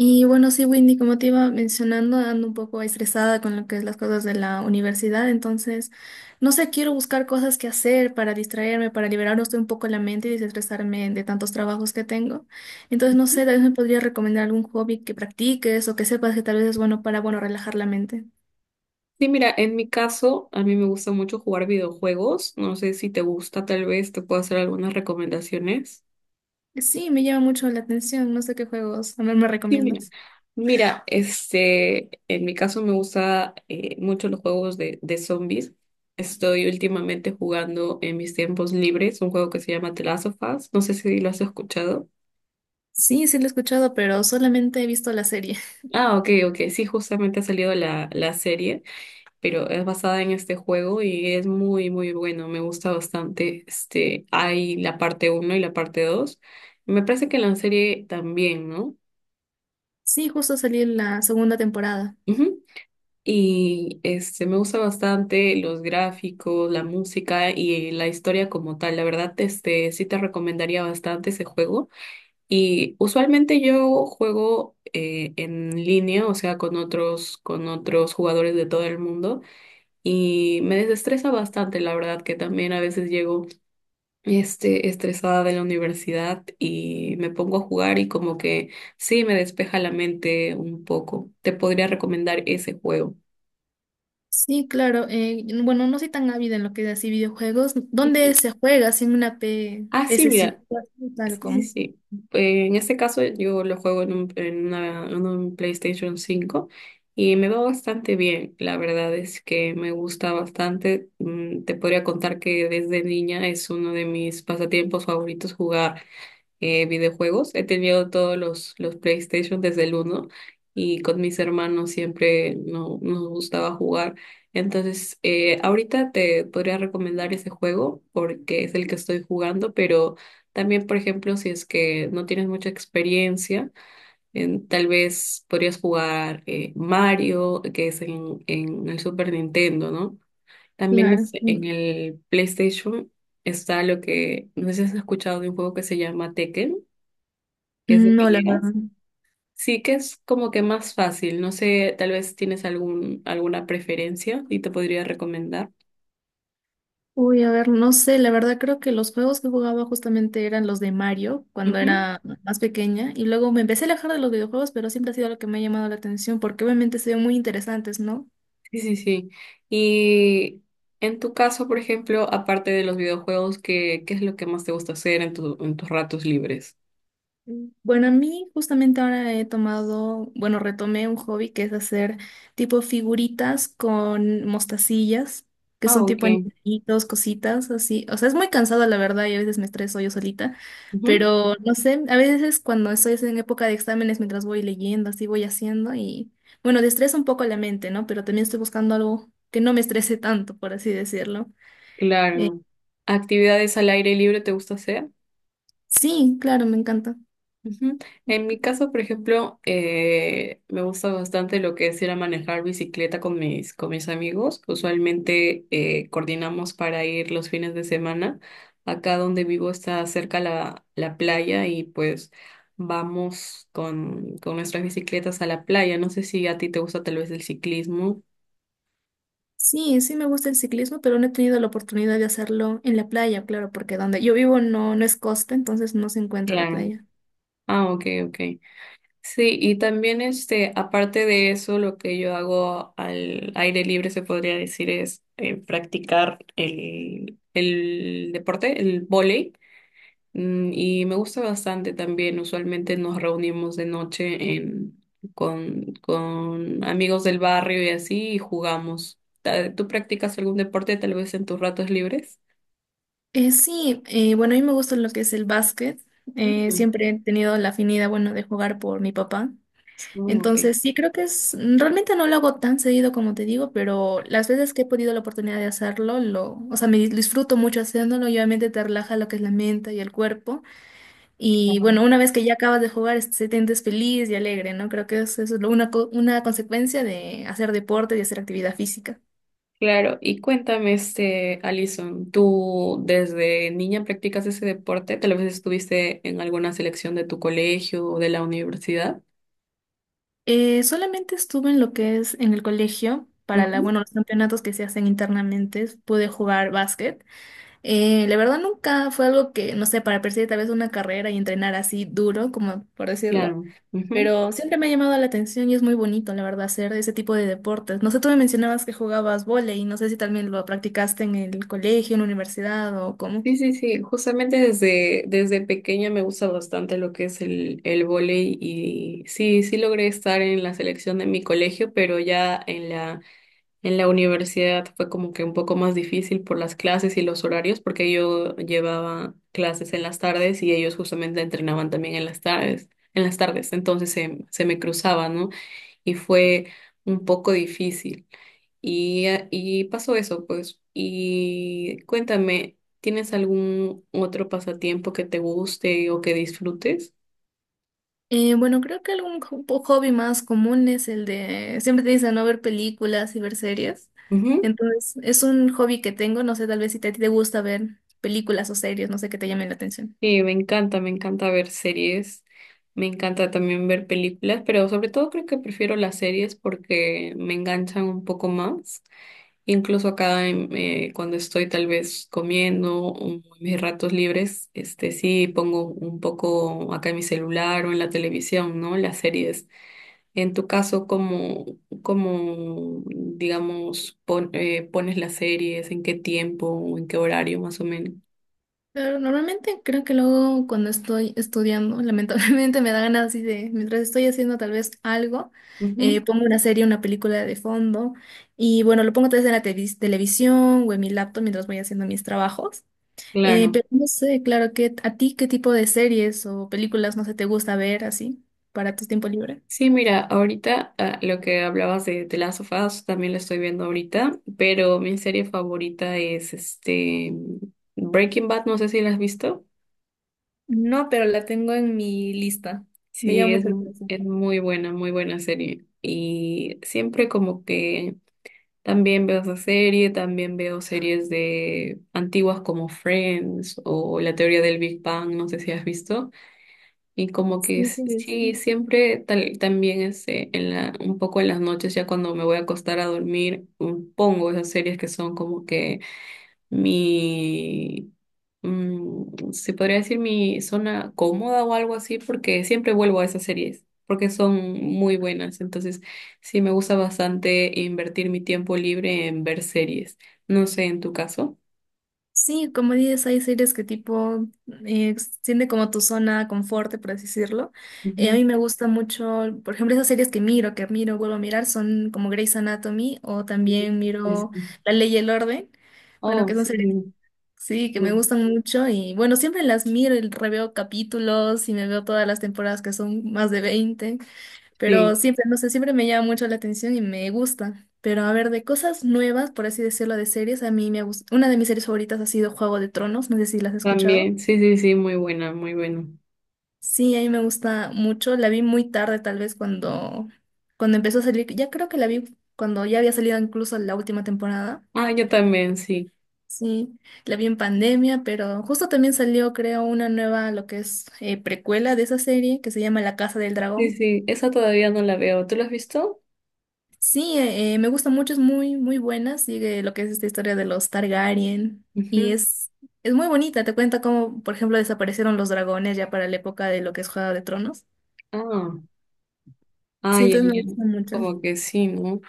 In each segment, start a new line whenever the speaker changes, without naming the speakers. Y bueno, sí, Windy, como te iba mencionando, ando un poco estresada con lo que es las cosas de la universidad, entonces, no sé, quiero buscar cosas que hacer para distraerme, para liberar usted un poco la mente y desestresarme de tantos trabajos que tengo. Entonces, no sé, tal vez me podría recomendar algún hobby que practiques o que sepas que tal vez es bueno para, bueno, relajar la mente.
Sí, mira, en mi caso, a mí me gusta mucho jugar videojuegos. No sé si te gusta, tal vez te puedo hacer algunas recomendaciones.
Sí, me llama mucho la atención, no sé qué juegos, a ver, me
Sí, mira.
recomiendas.
Mira, este, en mi caso me gusta mucho los juegos de zombies. Estoy últimamente jugando en mis tiempos libres un juego que se llama The Last of Us. No sé si lo has escuchado.
Sí, sí lo he escuchado, pero solamente he visto la serie.
Ah, ok, ok. Sí, justamente ha salido la serie. Pero es basada en este juego y es muy, muy bueno. Me gusta bastante. Este, hay la parte 1 y la parte 2. Me parece que la serie también, ¿no?
Sí, justo salió la segunda temporada.
Ujú. Y este, me gusta bastante los gráficos, la música y la historia como tal. La verdad, este, sí te recomendaría bastante ese juego. Y usualmente yo juego en línea, o sea, con otros jugadores de todo el mundo. Y me desestresa bastante, la verdad, que también a veces llego este, estresada de la universidad y me pongo a jugar y como que sí me despeja la mente un poco. Te podría recomendar ese juego.
Sí, claro. Bueno, no soy tan ávida en lo que es así videojuegos. ¿Dónde
Ujú.
se juega? ¿Sin una P
Ah, sí,
ps?
mira.
Tal
Sí, sí,
como.
sí. En este caso yo lo juego en un PlayStation 5 y me va bastante bien. La verdad es que me gusta bastante. Mm, te podría contar que desde niña es uno de mis pasatiempos favoritos jugar videojuegos. He tenido todos los PlayStation desde el uno y con mis hermanos siempre no, nos gustaba jugar. Entonces, ahorita te podría recomendar ese juego porque es el que estoy jugando, pero también, por ejemplo, si es que no tienes mucha experiencia, tal vez podrías jugar Mario, que es en el Super Nintendo, ¿no? También
Claro.
es en el PlayStation. Está lo que, no sé si has escuchado de un juego que se llama Tekken, que es de
No, la verdad.
peleas. Sí, que es como que más fácil. No sé, tal vez tienes alguna preferencia y te podría recomendar.
Uy, a ver, no sé. La verdad creo que los juegos que jugaba justamente eran los de Mario cuando
Ujú,
era más pequeña. Y luego me empecé a alejar de los videojuegos, pero siempre ha sido lo que me ha llamado la atención porque obviamente se ven muy interesantes, ¿no?
sí, sí, sí. Y en tu caso, por ejemplo, aparte de los videojuegos, ¿ qué es lo que más te gusta hacer en en tus ratos libres?
Mm. Bueno, a mí justamente ahora he tomado, bueno, retomé un hobby que es hacer tipo figuritas con mostacillas, que
Ah,
son tipo
ok.
animalitos, cositas así. O sea, es muy cansado la verdad y a veces me estreso yo solita,
Ujú,
pero no sé, a veces cuando estoy en época de exámenes, mientras voy leyendo, así voy haciendo y bueno, destresa un poco la mente, ¿no? Pero también estoy buscando algo que no me estrese tanto, por así decirlo. Eh,
claro. ¿Actividades al aire libre te gusta hacer?
sí, claro, me encanta.
Ujú. En mi caso, por ejemplo, me gusta bastante lo que es ir a manejar bicicleta con con mis amigos. Usualmente coordinamos para ir los fines de semana. Acá donde vivo está cerca la playa y pues vamos con nuestras bicicletas a la playa. No sé si a ti te gusta tal vez el ciclismo.
Sí, sí me gusta el ciclismo, pero no he tenido la oportunidad de hacerlo en la playa, claro, porque donde yo vivo no es costa, entonces no se encuentra la
Claro.
playa.
Ah, ok, ok. Sí, y también este, aparte de eso, lo que yo hago al aire libre se podría decir es practicar el deporte, el vóley. Mm, y me gusta bastante también. Usualmente nos reunimos de noche en, con amigos del barrio y así y jugamos. ¿Tú practicas algún deporte tal vez en tus ratos libres?
Sí, bueno, a mí me gusta lo que es el básquet.
Mm,
Siempre he tenido la afinidad, bueno, de jugar por mi papá.
mm, ok.
Entonces, sí, creo que es, realmente no lo hago tan seguido como te digo, pero las veces que he podido la oportunidad de hacerlo, o sea, me disfruto mucho haciéndolo y obviamente te relaja lo que es la mente y el cuerpo. Y bueno, una vez que ya acabas de jugar, este, te sientes feliz y alegre, ¿no? Creo que eso es una consecuencia de hacer deporte y hacer actividad física.
Claro, y cuéntame, este, Alison, ¿tú desde niña practicas ese deporte? ¿Tal vez estuviste en alguna selección de tu colegio o de la universidad?
Solamente estuve en lo que es en el colegio para la,
Ujú,
bueno, los campeonatos que se hacen internamente. Pude jugar básquet. La verdad nunca fue algo que, no sé, para perseguir tal vez una carrera y entrenar así duro, como por decirlo.
claro. Ujú.
Pero siempre me ha llamado la atención y es muy bonito, la verdad, hacer ese tipo de deportes. No sé, tú me mencionabas que jugabas vóley, y no sé si también lo practicaste en el colegio, en la universidad o cómo.
Sí, sí, sí. Justamente desde pequeña me gusta bastante lo que es el vóley y sí, sí logré estar en la selección de mi colegio, pero ya en la. En la universidad fue como que un poco más difícil por las clases y los horarios, porque yo llevaba clases en las tardes y ellos justamente entrenaban también en las tardes, entonces se me cruzaba, ¿no? Y fue un poco difícil. Y pasó eso, pues. Y cuéntame, ¿tienes algún otro pasatiempo que te guste o que disfrutes?
Bueno, creo que algún hobby más común es el de, siempre te dicen no ver películas y ver series. Entonces, es un hobby que tengo, no sé, tal vez si a ti te gusta ver películas o series, no sé, que te llamen la atención.
Sí, me encanta ver series, me encanta también ver películas, pero sobre todo creo que prefiero las series porque me enganchan un poco más. Incluso acá cuando estoy tal vez comiendo o en mis ratos libres, este sí pongo un poco acá en mi celular o en la televisión, ¿no? Las series. En tu caso, ¿cómo, cómo digamos, pones las series? ¿En qué tiempo? ¿En qué horario más o menos?
Pero normalmente creo que luego cuando estoy estudiando, lamentablemente me da ganas así de, mientras estoy haciendo tal vez algo,
Ujú,
pongo una serie, una película de fondo y bueno, lo pongo tal vez en la televisión o en mi laptop mientras voy haciendo mis trabajos.
claro.
Pero no sé, claro, ¿a ti qué tipo de series o películas, no sé, te gusta ver así para tu tiempo libre?
Sí, mira, ahorita ah, lo que hablabas de The Last of Us también lo estoy viendo ahorita, pero mi serie favorita es este Breaking Bad, no sé si la has visto.
No, pero la tengo en mi lista. Me
Sí,
llama
es,
mucho la atención.
es muy buena serie. Y siempre como que también veo esa serie, también veo series de antiguas como Friends o La teoría del Big Bang, no sé si has visto. Y como que
Sí, sí,
sí,
sí.
siempre tal, también este, en la, un poco en las noches, ya cuando me voy a acostar a dormir, pongo esas series que son como que mi, mm, se podría decir mi zona cómoda o algo así, porque siempre vuelvo a esas series, porque son muy buenas. Entonces, sí, me gusta bastante invertir mi tiempo libre en ver series. No sé, en tu caso.
Sí, como dices, hay series que tipo extiende como tu zona confort, por así decirlo. A mí
Ujú.
me gusta mucho, por ejemplo, esas series que miro, vuelvo a mirar, son como Grey's Anatomy o también
Sí,
miro
sí.
La Ley y el Orden. Bueno,
Oh,
que son
sí,
series, sí, que me
sí.
gustan mucho y bueno, siempre las miro, y reveo capítulos y me veo todas las temporadas que son más de 20. Pero
Sí.
siempre, no sé, siempre me llama mucho la atención y me gusta. Pero a ver, de cosas nuevas, por así decirlo, de series, a mí me gusta. Una de mis series favoritas ha sido Juego de Tronos, no sé si las has escuchado.
También, sí, sí, sí, muy buena, muy buena.
Sí, a mí me gusta mucho. La vi muy tarde, tal vez cuando empezó a salir. Ya creo que la vi cuando ya había salido incluso la última temporada.
Ah, yo también, sí.
Sí, la vi en pandemia, pero justo también salió, creo, una nueva, lo que es precuela de esa serie, que se llama La Casa del
Sí,
Dragón.
sí, esa todavía no la veo. ¿Tú la has visto?
Sí, me gusta mucho, es muy, muy buena. Sigue lo que es esta historia de los Targaryen. Y
Ujú.
es muy bonita. Te cuenta cómo, por ejemplo, desaparecieron los dragones ya para la época de lo que es Juego de Tronos.
Ah,
Sí,
ay,
entonces
ay,
me
ay.
gusta mucho.
Como que sí, ¿no?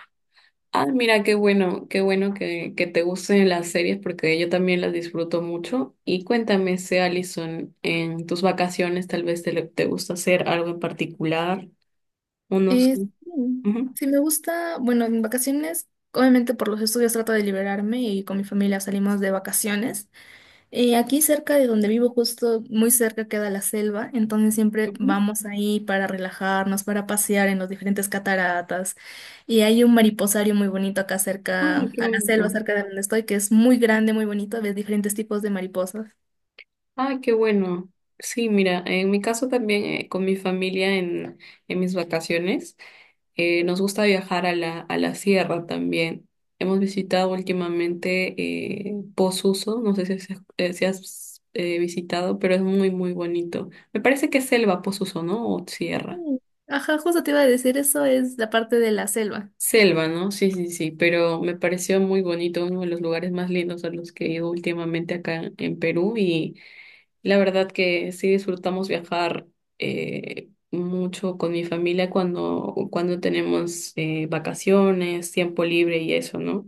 Ah, mira, qué bueno que te gusten las series porque yo también las disfruto mucho. Y cuéntame, si Alison, en tus vacaciones tal vez te gusta hacer algo en particular o no sé.
Sí,
Ujú,
sí, me gusta. Bueno, en vacaciones, obviamente por los estudios trato de liberarme y con mi familia salimos de vacaciones. Aquí cerca de donde vivo, justo muy cerca queda la selva, entonces siempre
ujú.
vamos ahí para relajarnos, para pasear en los diferentes cataratas. Y hay un mariposario muy bonito acá
Ay,
cerca,
qué
a la selva,
bonito.
cerca de donde estoy, que es muy grande, muy bonito, ves diferentes tipos de mariposas.
Ah, qué bueno. Sí, mira, en mi caso también con mi familia en mis vacaciones, nos gusta viajar a a la sierra también. Hemos visitado últimamente Posuso, no sé si, has si has, visitado, pero es muy, muy bonito. Me parece que es selva Posuso, ¿no? O sierra.
Mm. Ajá, justo te iba a decir, eso es la parte de la selva.
Selva, ¿no? Sí, sí, sí, pero me pareció muy bonito, uno de los lugares más lindos a los que he ido últimamente acá en Perú. Y la verdad que sí disfrutamos viajar mucho con mi familia cuando, cuando tenemos vacaciones, tiempo libre y eso, ¿no?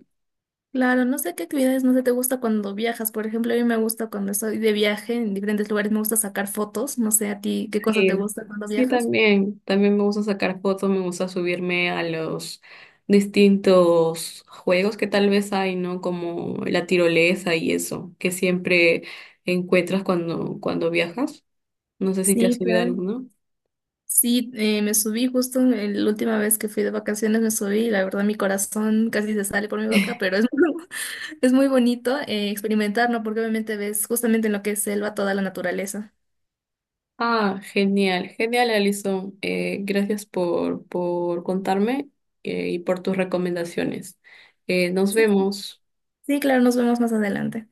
Claro, no sé qué actividades no sé te gusta cuando viajas. Por ejemplo, a mí me gusta cuando estoy de viaje en diferentes lugares, me gusta sacar fotos. No sé a ti qué cosa te
Sí,
gusta cuando
sí,
viajas.
también. También me gusta sacar fotos, me gusta subirme a los distintos juegos que tal vez hay, ¿no? Como la tirolesa y eso, que siempre encuentras cuando viajas. No sé si te has
Sí,
subido a
claro.
alguno.
Sí, me subí justo en la última vez que fui de vacaciones, me subí y la verdad mi corazón casi se sale por mi boca, pero es, es muy bonito experimentar, ¿no? Porque obviamente ves justamente en lo que es selva toda la naturaleza.
Ah, genial, genial, Alison. Gracias por contarme y por tus recomendaciones. Nos
Sí,
vemos.
sí, claro, nos vemos más adelante.